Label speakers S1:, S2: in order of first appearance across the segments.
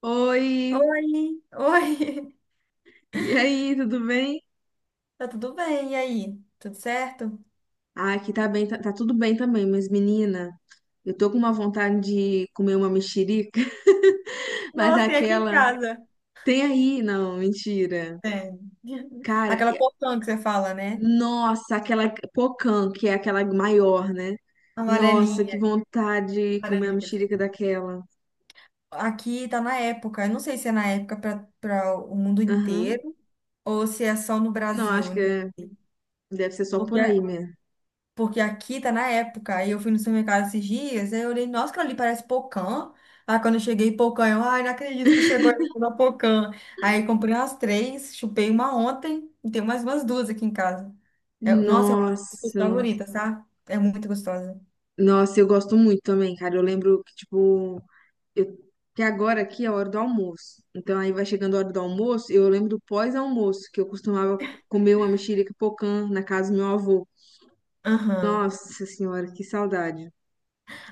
S1: Oi,
S2: Oi, oi,
S1: e aí, tudo bem?
S2: tá tudo bem? E aí? Tudo certo?
S1: Ah, aqui tá bem, tá, tá tudo bem também, mas menina, eu tô com uma vontade de comer uma mexerica, mas
S2: Nossa, tem aqui em
S1: aquela
S2: casa.
S1: tem aí, não, mentira.
S2: Tem.
S1: Cara,
S2: Aquela portão que você fala, né?
S1: nossa, aquela pocã, que é aquela maior, né? Nossa,
S2: Amarelinha.
S1: que vontade de comer a
S2: Laranja, quer dizer.
S1: mexerica daquela.
S2: Aqui tá na época. Eu não sei se é na época para o mundo
S1: Aham.
S2: inteiro ou se é só no
S1: Não, acho
S2: Brasil.
S1: que
S2: Né?
S1: deve ser só por
S2: Porque
S1: aí mesmo.
S2: Porque aqui tá na época. Aí eu fui no supermercado esses dias, aí eu olhei, nossa, aquilo ali parece pocã. Aí quando eu cheguei, pocã, eu, ai, não acredito que chegou na pocã. Aí comprei umas três, chupei uma ontem e tenho mais umas duas aqui em casa. Nossa, é uma das minhas
S1: Nossa,
S2: favoritas, tá? É muito gostosa.
S1: nossa, eu gosto muito também, cara. Eu lembro que, tipo, eu- que agora aqui é a hora do almoço. Então aí vai chegando a hora do almoço, eu lembro do pós-almoço, que eu costumava comer uma mexerica pocã na casa do meu avô.
S2: Aham.
S1: Nossa senhora, que saudade.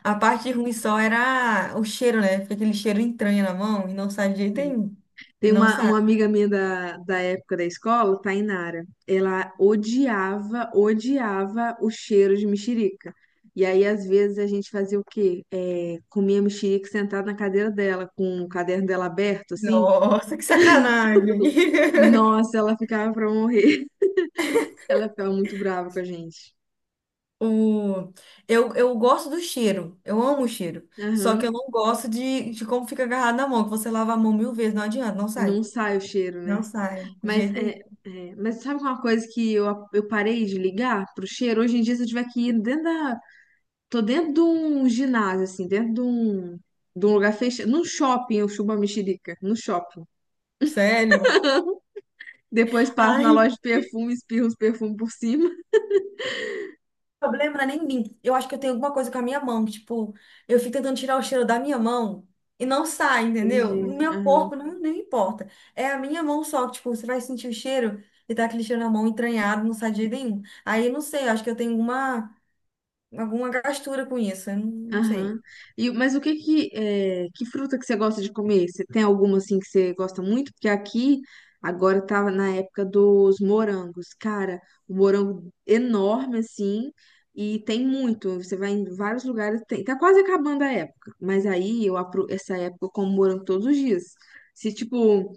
S2: A parte ruim só era o cheiro, né? Fica aquele cheiro entranha na mão e não sai de jeito nenhum.
S1: Tem
S2: Não
S1: uma,
S2: sai.
S1: uma amiga minha da época da escola, Tainara. Ela odiava, odiava o cheiro de mexerica. E aí, às vezes, a gente fazia o quê? É, comia mexerica sentada na cadeira dela, com o caderno dela aberto, assim.
S2: Nossa, que sacanagem.
S1: Nossa, ela ficava pra morrer. Ela ficava muito brava com a gente.
S2: O... eu gosto do cheiro, eu amo o cheiro. Só que
S1: Aham.
S2: eu não gosto de como fica agarrado na mão, que você lava a mão mil vezes, não adianta, não sai.
S1: Não sai o cheiro, né?
S2: Não sai, de
S1: Mas
S2: jeito
S1: é,
S2: nenhum.
S1: é, mas sabe uma coisa que eu parei de ligar pro cheiro? Hoje em dia, se eu tiver que ir dentro da. Tô dentro de um ginásio, assim, dentro de um lugar fechado. Num shopping, eu chupo a mexerica. No shopping.
S2: Sério?
S1: Depois passo na
S2: Ai,
S1: loja de
S2: o
S1: perfume, espirro os perfumes por cima.
S2: problema não é nem mim. Eu acho que eu tenho alguma coisa com a minha mão, que, tipo, eu fico tentando tirar o cheiro da minha mão e não sai, entendeu?
S1: Entendi.
S2: Meu corpo não importa. É a minha mão só, que, tipo, você vai sentir o cheiro e tá aquele cheiro na mão entranhado, não sai de jeito nenhum. Aí eu não sei, eu acho que eu tenho alguma gastura com isso, eu não não
S1: Aham.
S2: sei.
S1: E, mas o que que, é, que fruta que você gosta de comer? Você tem alguma assim que você gosta muito? Porque aqui agora tava na época dos morangos. Cara, o morango enorme assim e tem muito. Você vai em vários lugares, tem. Tá quase acabando a época. Mas aí eu apro essa época eu como morango todos os dias. Se tipo,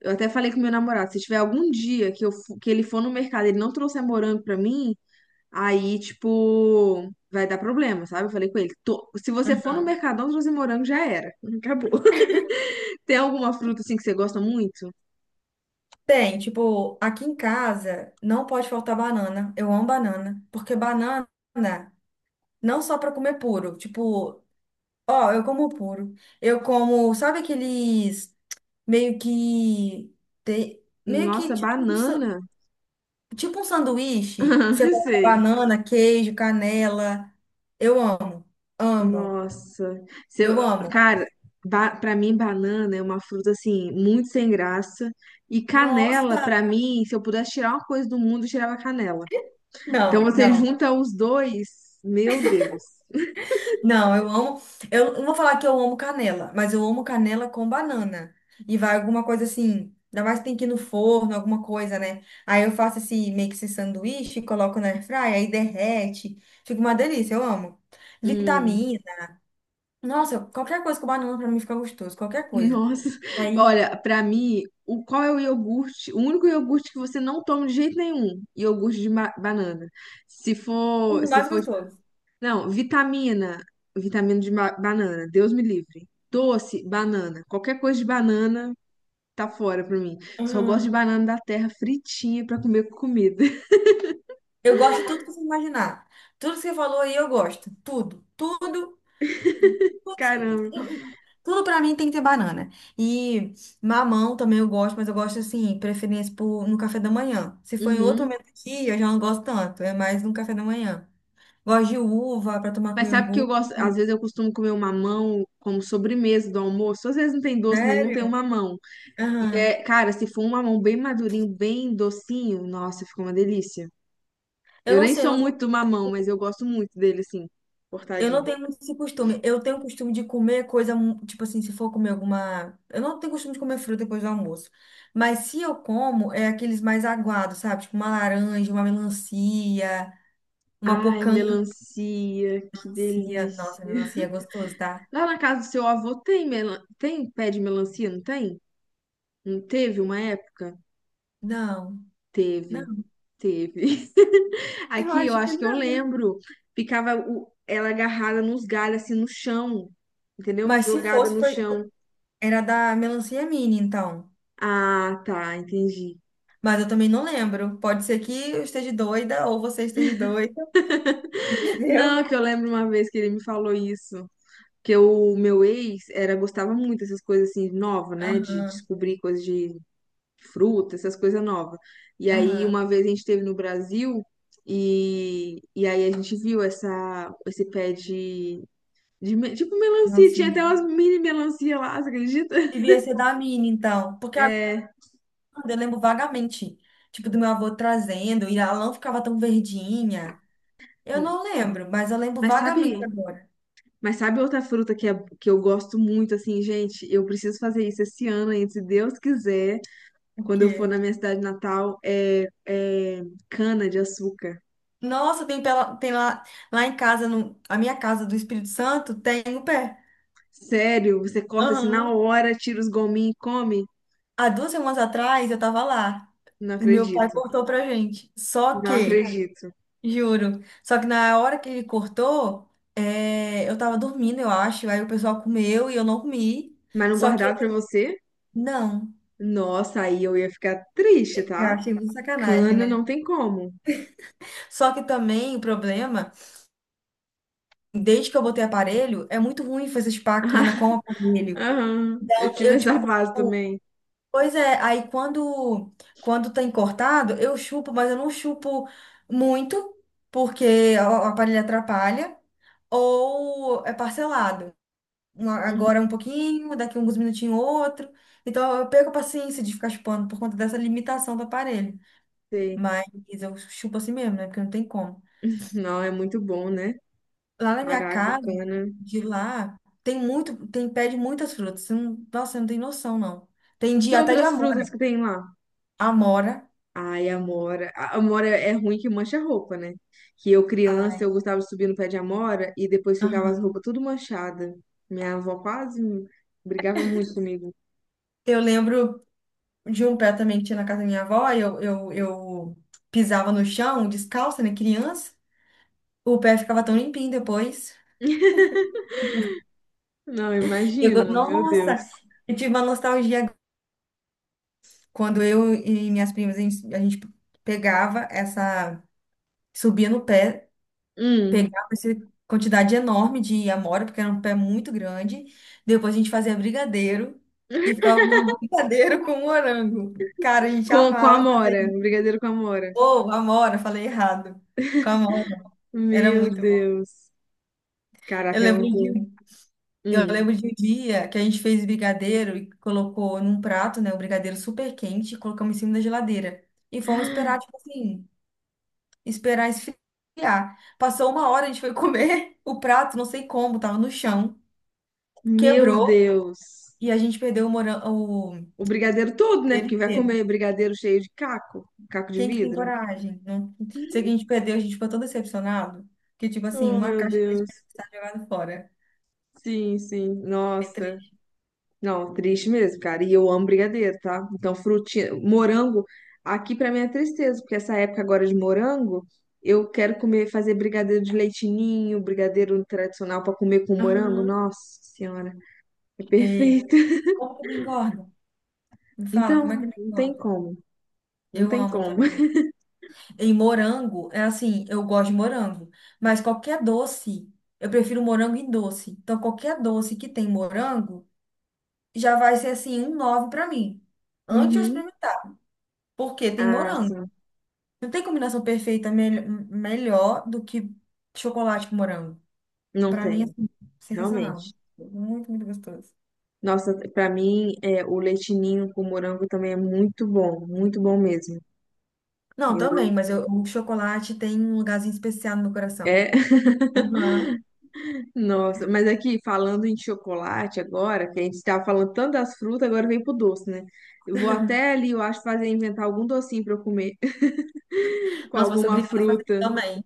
S1: eu até falei com meu namorado, se tiver algum dia que eu que ele for no mercado, e ele não trouxer morango pra mim, aí, tipo, vai dar problema, sabe? Eu falei com ele, "Tô- se você for no Mercadão trazer morango, já era." Acabou. Tem alguma fruta assim que você gosta muito?
S2: Tem, tipo, aqui em casa não pode faltar banana. Eu amo banana, porque banana não só para comer puro, tipo, ó, eu como puro. Eu como, sabe aqueles meio que meio que
S1: Nossa,
S2: tipo um,
S1: banana.
S2: tipo um sanduíche, que você coloca
S1: Sei.
S2: banana, queijo, canela. Eu amo, amo,
S1: Nossa. Você-
S2: eu amo.
S1: cara, pra mim, banana é uma fruta assim, muito sem graça. E canela,
S2: Nossa,
S1: pra mim, se eu pudesse tirar uma coisa do mundo, eu tirava canela. Então
S2: não,
S1: você
S2: não.
S1: junta os dois, meu Deus.
S2: Não, eu amo. Eu não vou falar que eu amo canela, mas eu amo canela com banana. E vai alguma coisa assim. Ainda mais que tem que ir no forno, alguma coisa, né? Aí eu faço esse meio que esse sanduíche, coloco na airfryer, aí derrete. Fica uma delícia, eu amo.
S1: Hum.
S2: Vitamina. Nossa, qualquer coisa com banana pra mim fica gostoso, qualquer coisa.
S1: Nossa,
S2: Aí,
S1: olha, pra mim, o qual é o iogurte? O único iogurte que você não toma de jeito nenhum, iogurte de banana. Se for,
S2: o
S1: se
S2: mais
S1: for,
S2: gostoso.
S1: não, vitamina, vitamina de banana, Deus me livre. Doce, banana, qualquer coisa de banana tá fora pra mim. Só gosto de
S2: Ah,
S1: banana da terra fritinha pra comer com comida.
S2: eu gosto de tudo que você imaginar. Tudo que você falou aí eu gosto. Tudo, tudo. Putz,
S1: Caramba.
S2: tudo pra mim tem que ter banana. E mamão também eu gosto, mas eu gosto assim, preferência por, no café da manhã. Se for em outro
S1: Uhum.
S2: momento do dia, eu já não gosto tanto. É mais no café da manhã. Gosto de uva pra tomar com
S1: Mas sabe que eu
S2: iogurte.
S1: gosto, às vezes eu costumo comer um mamão como sobremesa do almoço. Às vezes não tem doce nenhum, tem um
S2: Sério?
S1: mamão. E
S2: Aham.
S1: cara, se for um mamão bem madurinho, bem docinho, nossa, fica uma delícia.
S2: Eu
S1: Eu
S2: não
S1: nem
S2: sei, eu
S1: sou
S2: não tenho,
S1: muito do mamão, mas eu gosto muito dele, assim,
S2: eu não
S1: cortadinho.
S2: tenho muito esse costume. Eu tenho o costume de comer coisa, tipo assim, se for comer alguma. Eu não tenho costume de comer fruta depois do almoço. Mas se eu como, é aqueles mais aguados, sabe? Tipo uma laranja, uma melancia, uma
S1: Ai,
S2: pocã.
S1: melancia, que
S2: Melancia, nossa,
S1: delícia.
S2: melancia é gostoso, tá?
S1: Lá na casa do seu avô tem, tem pé de melancia, não tem? Não teve uma época?
S2: Não,
S1: Teve,
S2: não,
S1: teve.
S2: eu
S1: Aqui eu
S2: acho que
S1: acho que eu
S2: não.
S1: lembro, ficava ela agarrada nos galhos, assim, no chão, entendeu?
S2: Mas se
S1: Jogada
S2: fosse,
S1: no
S2: foi,
S1: chão.
S2: era da melancia mini, então.
S1: Ah, tá, entendi.
S2: Mas eu também não lembro. Pode ser que eu esteja doida ou você esteja doida,
S1: Não,
S2: entendeu?
S1: que eu lembro uma vez que ele me falou isso. Que o meu ex era, gostava muito dessas coisas assim, nova, né? De
S2: Aham,
S1: descobrir coisas de fruta, essas coisas novas. E aí,
S2: aham,
S1: uma vez a gente esteve no Brasil e aí a gente viu essa, esse pé de tipo melancia, tinha até
S2: melancia.
S1: umas mini melancia lá, você acredita?
S2: Devia ser da mini, então. Porque agora
S1: É,
S2: eu lembro vagamente, tipo, do meu avô trazendo e ela não ficava tão verdinha. Eu não lembro, mas eu lembro
S1: mas
S2: vagamente
S1: sabe,
S2: agora.
S1: mas sabe outra fruta que, é, que eu gosto muito, assim, gente? Eu preciso fazer isso esse ano ainda, se Deus quiser.
S2: Por
S1: Quando eu for
S2: quê?
S1: na minha cidade natal, é, é cana de açúcar.
S2: Nossa, tem, pela, tem lá, lá em casa, no, a minha casa do Espírito Santo, tem o pé.
S1: Sério, você corta assim na
S2: Aham.
S1: hora, tira os gominhos e come?
S2: Há duas semanas atrás eu tava lá.
S1: Não
S2: E meu pai
S1: acredito.
S2: cortou pra gente. Só
S1: Não
S2: que,
S1: acredito.
S2: juro, só que na hora que ele cortou, é, eu tava dormindo, eu acho. Aí o pessoal comeu e eu não comi.
S1: Mas não
S2: Só que,
S1: guardado pra você?
S2: não,
S1: Nossa, aí eu ia ficar triste,
S2: eu
S1: tá?
S2: achei muito sacanagem,
S1: Cana
S2: né?
S1: não tem como.
S2: Só que também o problema, desde que eu botei aparelho, é muito ruim fazer chupacana com o aparelho.
S1: Aham, eu
S2: Então,
S1: tive
S2: Eu, tipo.
S1: essa fase também.
S2: Pois é, aí quando tem cortado, eu chupo, mas eu não chupo muito, porque o aparelho atrapalha, ou é parcelado.
S1: Uhum.
S2: Agora é um pouquinho, daqui uns minutinhos outro. Então eu perco a paciência de ficar chupando por conta dessa limitação do aparelho.
S1: Sei.
S2: Mas eu chupo assim mesmo, né? Porque não tem como.
S1: Não, é muito bom, né?
S2: Lá na minha
S1: Caraca,
S2: casa,
S1: cana.
S2: de lá, tem muito, tem pé de muitas frutas. Você não- Nossa, você não tem noção, não. Tem
S1: E
S2: dia até de
S1: outras frutas
S2: amora.
S1: que tem lá?
S2: Amora.
S1: Ai, Amora. A Amora é é ruim que mancha a roupa, né? Que eu, criança, eu gostava de subir no pé de Amora e depois ficava as
S2: Aham.
S1: roupas tudo manchada. Minha avó quase brigava muito comigo.
S2: Eu lembro de um pé também que tinha na casa da minha avó, e eu pisava no chão, descalça, né, criança. O pé ficava tão limpinho depois.
S1: Não, imagino, meu Deus.
S2: Nossa, eu tive uma nostalgia agora. Quando eu e minhas primas, a gente pegava essa, subia no pé,
S1: Hum,
S2: pegava essa quantidade enorme de amora, porque era um pé muito grande. Depois a gente fazia brigadeiro e ficava comendo brigadeiro com morango. Cara, a gente
S1: com a
S2: amava fazer
S1: Amora, um
S2: isso.
S1: brigadeiro com a Amora.
S2: Ô, amora, falei errado. Com amora. Era
S1: Meu
S2: muito bom.
S1: Deus.
S2: Eu
S1: Caraca, é
S2: lembro de,
S1: muito.
S2: um- eu
S1: Hum,
S2: lembro de um dia que a gente fez brigadeiro e colocou num prato, né, o brigadeiro super quente e colocamos em cima da geladeira. E fomos esperar, tipo assim, esperar esfriar. Passou uma hora, a gente foi comer o prato, não sei como, tava no chão,
S1: meu
S2: quebrou
S1: Deus.
S2: e a gente perdeu o
S1: O brigadeiro todo, né?
S2: brigadeiro
S1: Porque vai
S2: inteiro.
S1: comer brigadeiro cheio de caco, caco de
S2: Quem que tem
S1: vidro.
S2: coragem? Não sei que a gente perdeu, a gente ficou tão decepcionado que, tipo assim,
S1: Oh,
S2: uma
S1: meu
S2: caixa de leite
S1: Deus.
S2: condensado jogada fora.
S1: Sim, sim.
S2: É
S1: Nossa.
S2: triste.
S1: Não, triste mesmo, cara. E eu amo brigadeiro, tá? Então, frutinha, morango, aqui pra mim é tristeza, porque essa época agora de morango, eu quero comer, fazer brigadeiro de leite ninho, brigadeiro tradicional pra comer com morango.
S2: Aham.
S1: Nossa Senhora, é
S2: Ei,
S1: perfeito.
S2: como que me engorda? Me fala, como é
S1: Então,
S2: que eu
S1: não
S2: não
S1: tem
S2: engorda?
S1: como, não
S2: Eu
S1: tem
S2: amo
S1: como.
S2: também. E morango, é assim, eu gosto de morango, mas qualquer doce, eu prefiro morango e doce. Então, qualquer doce que tem morango, já vai ser assim, um 9 pra mim. Antes eu
S1: Uhum.
S2: experimentar, porque tem
S1: Ah,
S2: morango.
S1: sim,
S2: Não tem combinação perfeita melhor do que chocolate com morango.
S1: não
S2: Pra mim,
S1: tem,
S2: assim, sensacional.
S1: realmente.
S2: Muito, muito gostoso.
S1: Nossa, pra mim, é, o leitinho com morango também é muito bom mesmo.
S2: Não, também,
S1: Eu,
S2: mas eu- O chocolate tem um lugarzinho especial no meu coração.
S1: é.
S2: Aham.
S1: Nossa, mas aqui falando em chocolate agora, que a gente estava falando tanto das frutas, agora vem pro doce, né? Eu vou até ali, eu acho, fazer inventar algum docinho para eu comer com
S2: Nossa, você
S1: alguma
S2: obrigada a fazer
S1: fruta,
S2: também.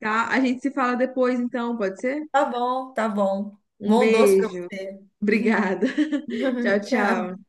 S1: tá? A gente se fala depois, então, pode ser?
S2: Tá bom, tá bom.
S1: Um
S2: Bom doce pra
S1: beijo.
S2: você.
S1: Obrigada. Tchau,
S2: Tchau.
S1: tchau.